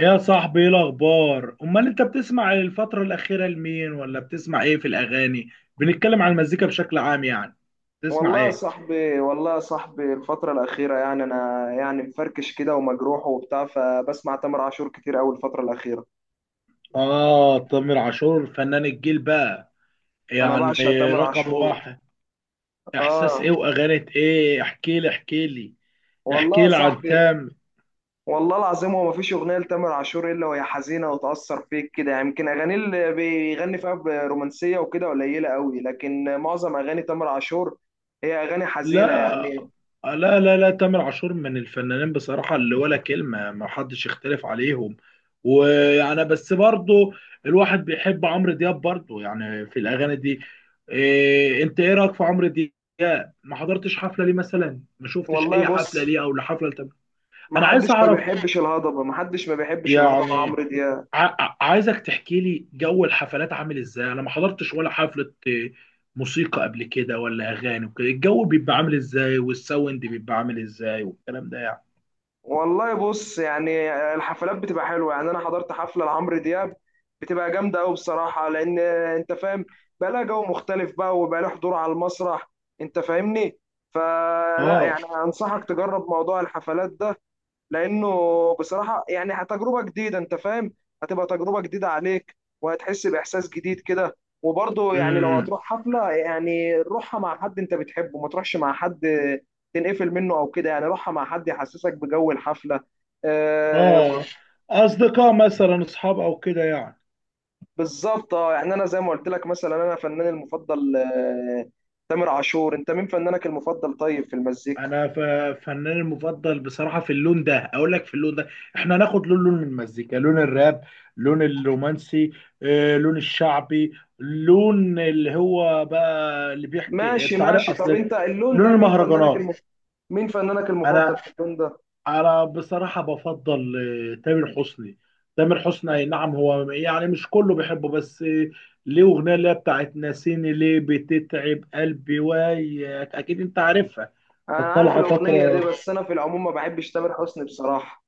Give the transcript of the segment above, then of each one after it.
يا صاحبي، ايه الاخبار؟ امال انت بتسمع الفتره الاخيره لمين، ولا بتسمع ايه في الاغاني؟ بنتكلم عن المزيكا بشكل عام يعني. بتسمع والله يا ايه؟ صاحبي والله يا صاحبي الفترة الأخيرة يعني أنا يعني مفركش كده ومجروح وبتاع، فبسمع تامر عاشور كتير أوي الفترة الأخيرة. اه، تامر عاشور فنان الجيل بقى، أنا بعشق يعني تامر رقم عاشور. واحد. احساس آه. ايه واغاني ايه، احكي لي احكي لي. والله احكي يا لي عن صاحبي، تامر. والله العظيم هو مفيش أغنية لتامر عاشور إلا وهي حزينة وتأثر فيك كده يعني. يمكن أغانيه اللي بيغني فيها برومانسية وكده قليلة أوي، لكن معظم أغاني تامر عاشور هي أغاني حزينة لا يعني. لا لا لا، تامر عاشور من الفنانين بصراحة اللي ولا كلمة، ما حدش يختلف عليهم. ويعني بس برضو الواحد بيحب عمرو دياب برضو يعني، في الأغاني دي. إيه انت، ايه رأيك في عمرو دياب؟ ما حضرتش حفلة ليه مثلا؟ ما شفتش والله اي بص، حفلة ليه، او لحفلة لتامر؟ انا عايز محدش ما اعرف. بيحبش الهضبة، محدش ما بيحبش الهضبة يعني عمرو دياب. عايزك تحكي لي جو الحفلات عامل ازاي. انا ما حضرتش ولا حفلة، موسيقى قبل كده ولا اغاني وكده. الجو بيبقى عامل ازاي، والساوند بيبقى عامل ازاي، والكلام ده يعني؟ والله بص، يعني الحفلات بتبقى حلوه، يعني انا حضرت حفله لعمرو دياب، بتبقى جامده قوي بصراحه، لان انت فاهم، بقى لها جو مختلف بقى وبقى لها حضور على المسرح، انت فاهمني. فلا اه. يعني انصحك تجرب موضوع الحفلات ده، لانه بصراحه يعني تجربه جديده، انت فاهم، هتبقى تجربه جديده عليك وهتحس باحساس جديد كده. وبرضه يعني لو امم. هتروح حفله يعني روحها مع حد انت بتحبه، ما تروحش مع حد تنقفل منه او كده، يعني روحها مع حد يحسسك بجو الحفله. آه. اه. اصدقاء مثلا، اصحاب او كده يعني؟ بالظبط، يعني انا زي ما قلت لك مثلا انا فناني المفضل تامر عاشور. انت مين فنانك المفضل طيب في المزيكا؟ انا فناني المفضل بصراحة في اللون ده، اقول لك في اللون ده. احنا هناخد لون لون من المزيكا. لون الراب. لون الرومانسي. لون الشعبي. لون اللي هو بقى، اللي بيحكي، ماشي انت عارف ماشي، طب اصل. انت اللون ده لون المهرجانات. مين فنانك المفضل انا في اللون ده؟ انا بصراحه بفضل، تامر حسني. تامر حسني اي نعم، هو يعني مش كله بيحبه بس، ليه اغنيه اللي هي بتاعت ناسيني ليه، بتتعب قلبي وياك، اكيد انت عارفها، انا كانت عارف طالعه الاغنيه دي، فتره. بس انا في العموم ما بحبش تامر حسني بصراحه.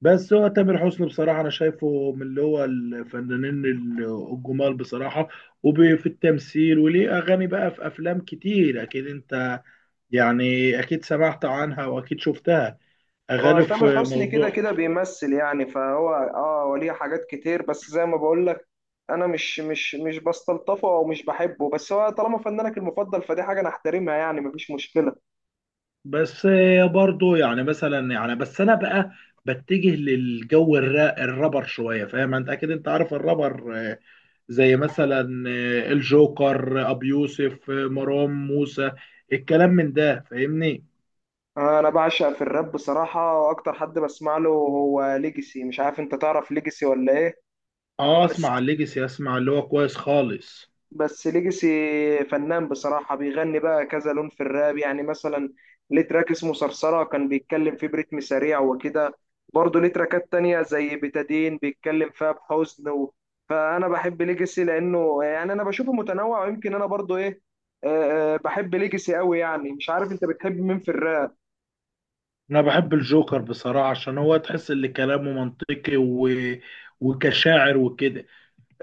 بس هو تامر حسني بصراحه انا شايفه من اللي هو الفنانين الجمال بصراحه، وفي التمثيل، وليه اغاني بقى في افلام كتير، اكيد انت يعني اكيد سمعت عنها واكيد شفتها، هو اغاني تامر في حسني كده موضوع. كده بيمثل يعني، فهو وليه حاجات كتير، بس زي ما بقول لك انا مش بستلطفه او مش بحبه، بس هو طالما فنانك المفضل فدي حاجه انا احترمها، يعني مفيش مشكله. بس برضو يعني مثلا يعني بس انا بقى بتجه للجو الرابر شويه، فاهم. انت اكيد انت عارف الرابر، زي مثلا الجوكر، ابو يوسف، مروان موسى، الكلام من ده، فاهمني. انا بعشق في الراب بصراحه، واكتر حد بسمع له هو ليجسي، مش عارف انت تعرف ليجسي ولا ايه. اه، اسمع الليجسي، اسمع اللي هو كويس خالص. بس ليجاسي فنان بصراحة، بيغني بقى كذا لون في الراب، يعني مثلا ليه تراك اسمه صرصرة كان بيتكلم فيه بريتم سريع وكده. برضه ليه تراكات تانية زي بتادين بيتكلم فيها بحزن و... فأنا بحب ليجاسي لأنه يعني أنا بشوفه متنوع، ويمكن أنا برضه إيه، بحب ليجاسي قوي. يعني مش عارف أنت بتحب مين في الراب؟ انا بحب الجوكر بصراحه، عشان هو تحس ان كلامه منطقي، وكشاعر وكده.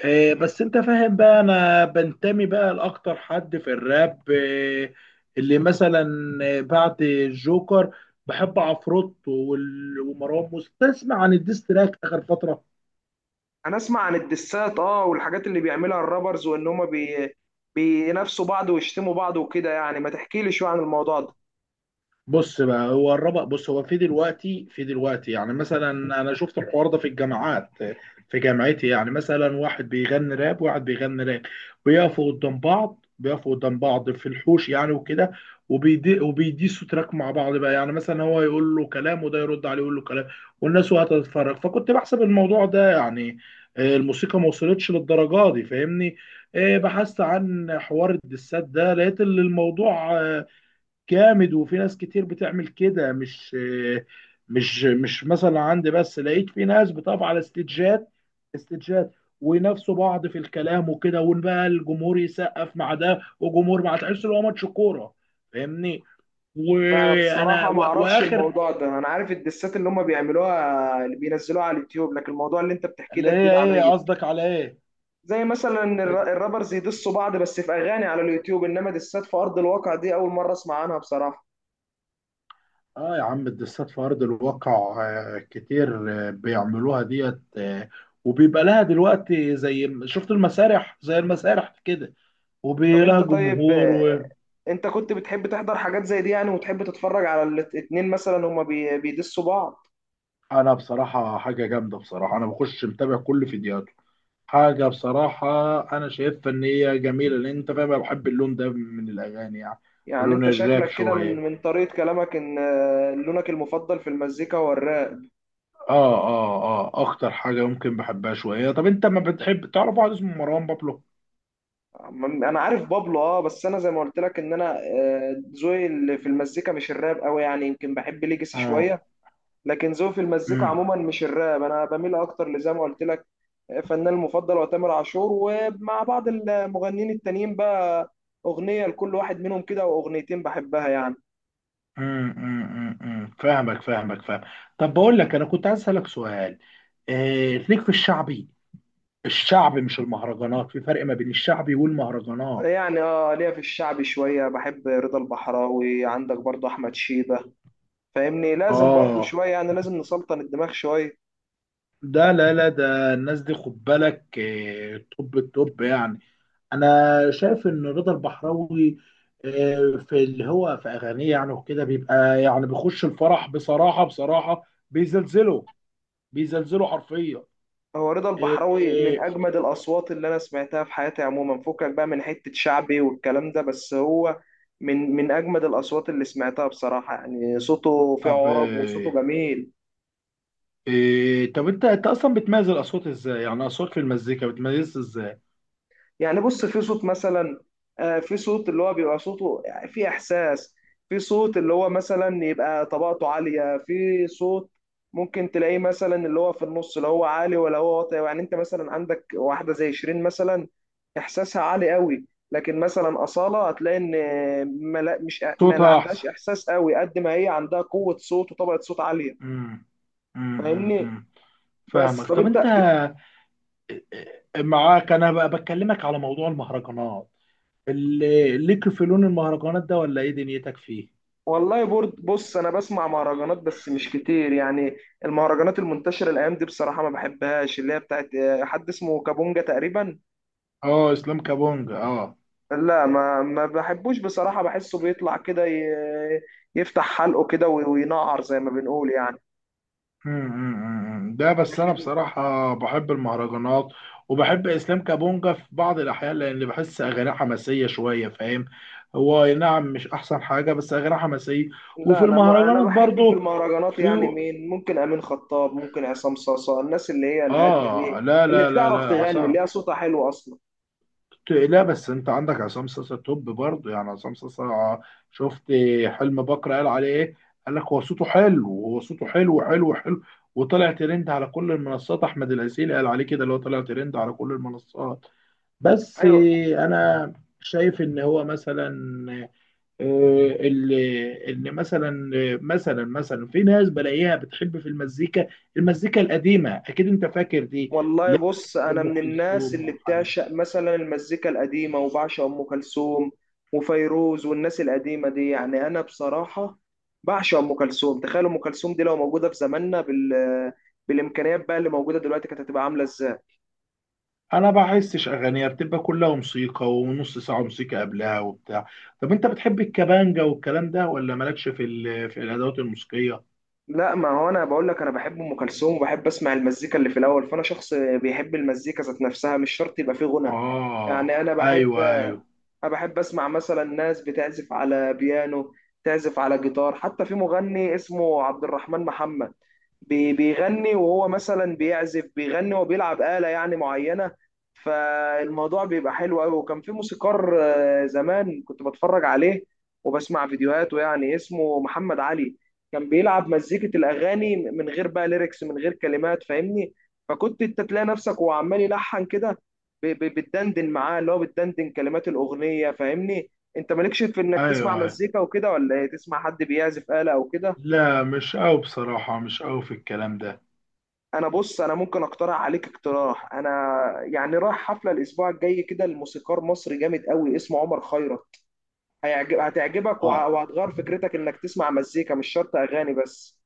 بس انت فاهم بقى، انا بنتمي بقى لاكتر حد في الراب، اللي مثلا بعد الجوكر، بحب عفروت ومروان موسى. تسمع عن الديستراك اخر فتره؟ أنا أسمع عن الدسات والحاجات اللي بيعملها الرابرز، وإن هما بينافسوا بعض ويشتموا بعض وكده، يعني ما تحكيلي شوية عن الموضوع ده. بص بقى، هو الربق، بص، هو في دلوقتي يعني مثلا. انا شفت الحوار ده في الجامعات، في جامعتي، يعني مثلا واحد بيغني راب وواحد بيغني راب، بيقفوا قدام بعض في الحوش يعني وكده. وبيديسوا تراك مع بعض بقى، يعني مثلا هو يقول له كلام وده يرد عليه يقول له كلام، والناس وقت تتفرج. فكنت بحسب الموضوع ده يعني، الموسيقى ما وصلتش للدرجه دي، فاهمني. بحثت عن حوار الدسات ده، لقيت ان الموضوع، جامد، وفي ناس كتير بتعمل كده. مش مش مش مثلا عندي، بس لقيت في ناس بتقف على استجات، استجات وينافسوا بعض في الكلام وكده، وبقى الجمهور يسقف مع ده وجمهور مع، تحس ان هو ماتش كوره، فاهمني. لا انا وانا، بصراحه ما اعرفش واخر. الموضوع ده، انا عارف الدسات اللي هم بيعملوها اللي بينزلوها على اليوتيوب، لكن الموضوع اللي انت بتحكيه اللي ده هي جديد ايه عليا. قصدك، على ايه؟ زي مثلا الرابرز يدسوا بعض بس في اغاني على اليوتيوب، انما دسات في ارض الواقع دي اول مره اسمع عنها بصراحه. اه يا عم، الدسات في ارض الواقع، كتير، بيعملوها ديت، وبيبقى لها دلوقتي. زي شفت المسارح، زي المسارح كده، طب انت وبيلاقي طيب، جمهور. انت كنت بتحب تحضر حاجات زي دي يعني، وتحب تتفرج على الاتنين مثلا هم بيدسوا بعض؟ وانا بصراحه، حاجه جامده بصراحه، انا بخش متابع كل فيديوهاته. حاجه بصراحه انا شايفها ان هي جميله، لان انت فاهم انا بحب اللون ده من الاغاني يعني. يعني لون انت الراب شكلك كده من شويه. من طريقه كلامك ان لونك المفضل في المزيكا هو الراب. اه اه اه، اكتر حاجه ممكن بحبها شويه. طب انت ما بتحب تعرف واحد اسمه مروان بابلو؟ انا عارف بابلو بس انا زي ما قلت لك ان انا ذوقي اللي في المزيكا مش الراب قوي، يعني يمكن بحب ليجاسي اه. شويه. لكن ذوقي في المزيكا امم عموما مش الراب، انا بميل اكتر لزي ما قلت لك، فنان المفضل هو تامر عاشور، ومع بعض المغنيين التانيين بقى اغنيه لكل واحد منهم كده واغنيتين بحبها يعني. امم، فاهمك فاهمك فاهم. طب بقول لك، انا كنت عايز اسالك سؤال. ليك في الشعبي؟ الشعب مش المهرجانات، في فرق ما بين الشعبي والمهرجانات. يعني ليا في الشعبي شويه، بحب رضا البحراوي، عندك برضو احمد شيبه. فاهمني لازم برضو اه، شويه، يعني لازم نسلطن الدماغ شويه. ده لا لا، ده الناس دي خد بالك، توب التوب يعني. انا شايف ان رضا البحراوي، في اللي هو في اغانيه يعني وكده، بيبقى يعني بيخش الفرح بصراحه، بصراحه بيزلزله، بيزلزله حرفيا. هو رضا آه، البحراوي من آه، اجمد الاصوات اللي انا سمعتها في حياتي عموما، فكك بقى من حته شعبي والكلام ده، بس هو من اجمد الاصوات اللي سمعتها بصراحه، يعني صوته فيه طب عرب وصوته جميل. طب انت اصلا بتميز الاصوات ازاي؟ يعني اصوات في المزيكا بتميز ازاي؟ يعني بص في صوت مثلا، في صوت اللي هو بيبقى صوته يعني في احساس، في صوت اللي هو مثلا يبقى طبقته عاليه، في صوت ممكن تلاقيه مثلا اللي هو في النص لا هو عالي ولا هو واطي. يعني انت مثلا عندك واحده زي شيرين مثلا، احساسها عالي قوي. لكن مثلا اصاله هتلاقي ان ما لا مش ما لا صوتها عندهاش احسن. احساس قوي قد ما هي عندها قوه صوت وطبقه صوت عاليه، امم فاهمني. أمم. بس فاهمك. طب طب انت، انت معاك، انا بقى بكلمك على موضوع المهرجانات، اللي ليك في لون المهرجانات ده، ولا ايه دنيتك فيه؟ والله برد بص انا بسمع مهرجانات بس مش كتير يعني. المهرجانات المنتشره الايام دي بصراحه ما بحبهاش، اللي هي بتاعت حد اسمه كابونجا تقريبا. اه، اسلام كابونج، اه. لا، ما بحبوش بصراحه، بحسه بيطلع كده يفتح حلقه كده وينقر زي ما بنقول يعني. أمم، أمم، أمم. ده بس انا بصراحه بحب المهرجانات، وبحب اسلام كابونجا في بعض الاحيان، لان بحس اغانيه حماسيه شويه، فاهم. هو أي نعم مش احسن حاجه، بس اغانيه حماسيه. وفي لا انا انا المهرجانات بحب في برضو، المهرجانات في. يعني مين، ممكن امين خطاب، ممكن عصام صاصا، الناس اللي هي الهاديه اه دي لا اللي لا لا بتعرف لا، تغني اللي عصام. هي صوتها حلو اصلا. لا، بس انت عندك عصام صاصا توب برضه، يعني عصام صاصا. شفت حلم بكر قال عليه ايه؟ قال لك هو صوته حلو، هو صوته حلو حلو حلو. وطلع ترند على كل المنصات. احمد العسيلي قال عليه كده، اللي هو طلع ترند على كل المنصات. بس ايوه. انا شايف ان هو مثلا، اللي ان مثلا، مثلا في ناس بلاقيها بتحب في المزيكا القديمه، اكيد انت فاكر دي، والله اللي هي بص، انا مزيكة ام من الناس كلثوم اللي وعبد الحليم. بتعشق مثلا المزيكا القديمه، وبعشق ام كلثوم وفيروز والناس القديمه دي يعني. انا بصراحه بعشق ام كلثوم، تخيل ام كلثوم دي لو موجوده في زماننا بالامكانيات بقى اللي موجوده دلوقتي، كانت هتبقى عامله ازاي. انا بحسش اغانيها، بتبقى كلها موسيقى، ونص ساعه موسيقى قبلها وبتاع. طب انت بتحب الكمانجا والكلام ده، ولا مالكش في في الادوات الموسيقيه؟ لا ما هو انا بقول لك انا بحب ام كلثوم وبحب اسمع المزيكا اللي في الاول، فانا شخص بيحب المزيكا ذات نفسها، مش شرط يبقى فيه غنى. اه. يعني انا بحب ايوه ايوه، انا بحب اسمع مثلا ناس بتعزف على بيانو، تعزف على جيتار. حتى في مغني اسمه عبد الرحمن محمد بيغني، وهو مثلا بيعزف بيغني وبيلعب آلة يعني معينة، فالموضوع بيبقى حلو قوي. وكان في موسيقار زمان كنت بتفرج عليه وبسمع فيديوهاته، يعني اسمه محمد علي، كان بيلعب مزيكة الأغاني من غير بقى ليركس، من غير كلمات، فاهمني. فكنت انت تلاقي نفسك وهو عمال يلحن كده بتدندن معاه، اللي هو بتدندن كلمات الاغنيه، فاهمني. انت مالكش في انك ايوه تسمع أيوة. مزيكا وكده ولا إيه؟ تسمع حد بيعزف آلة او كده. لا مش قوي بصراحه، مش قوي في الكلام ده. انا بص انا ممكن اقترح عليك اقتراح، انا يعني رايح حفله الاسبوع الجاي كده لموسيقار مصري جامد قوي اسمه عمر خيرت، هتعجبك اه. وهتغير فكرتك انك تسمع مزيكا مش شرط اغاني بس.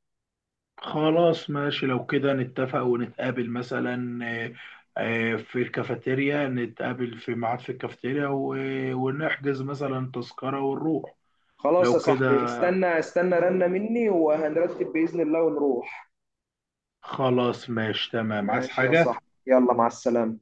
خلاص ماشي، لو كده نتفق ونتقابل مثلا، في الكافيتيريا. نتقابل في ميعاد في الكافيتيريا، ونحجز مثلا تذكره ونروح. خلاص يا لو كده صاحبي، استنى استنى رنة مني وهنرتب بإذن الله ونروح. خلاص، ماشي، تمام. عايز ماشي يا حاجه؟ صاحبي، يلا مع السلامة.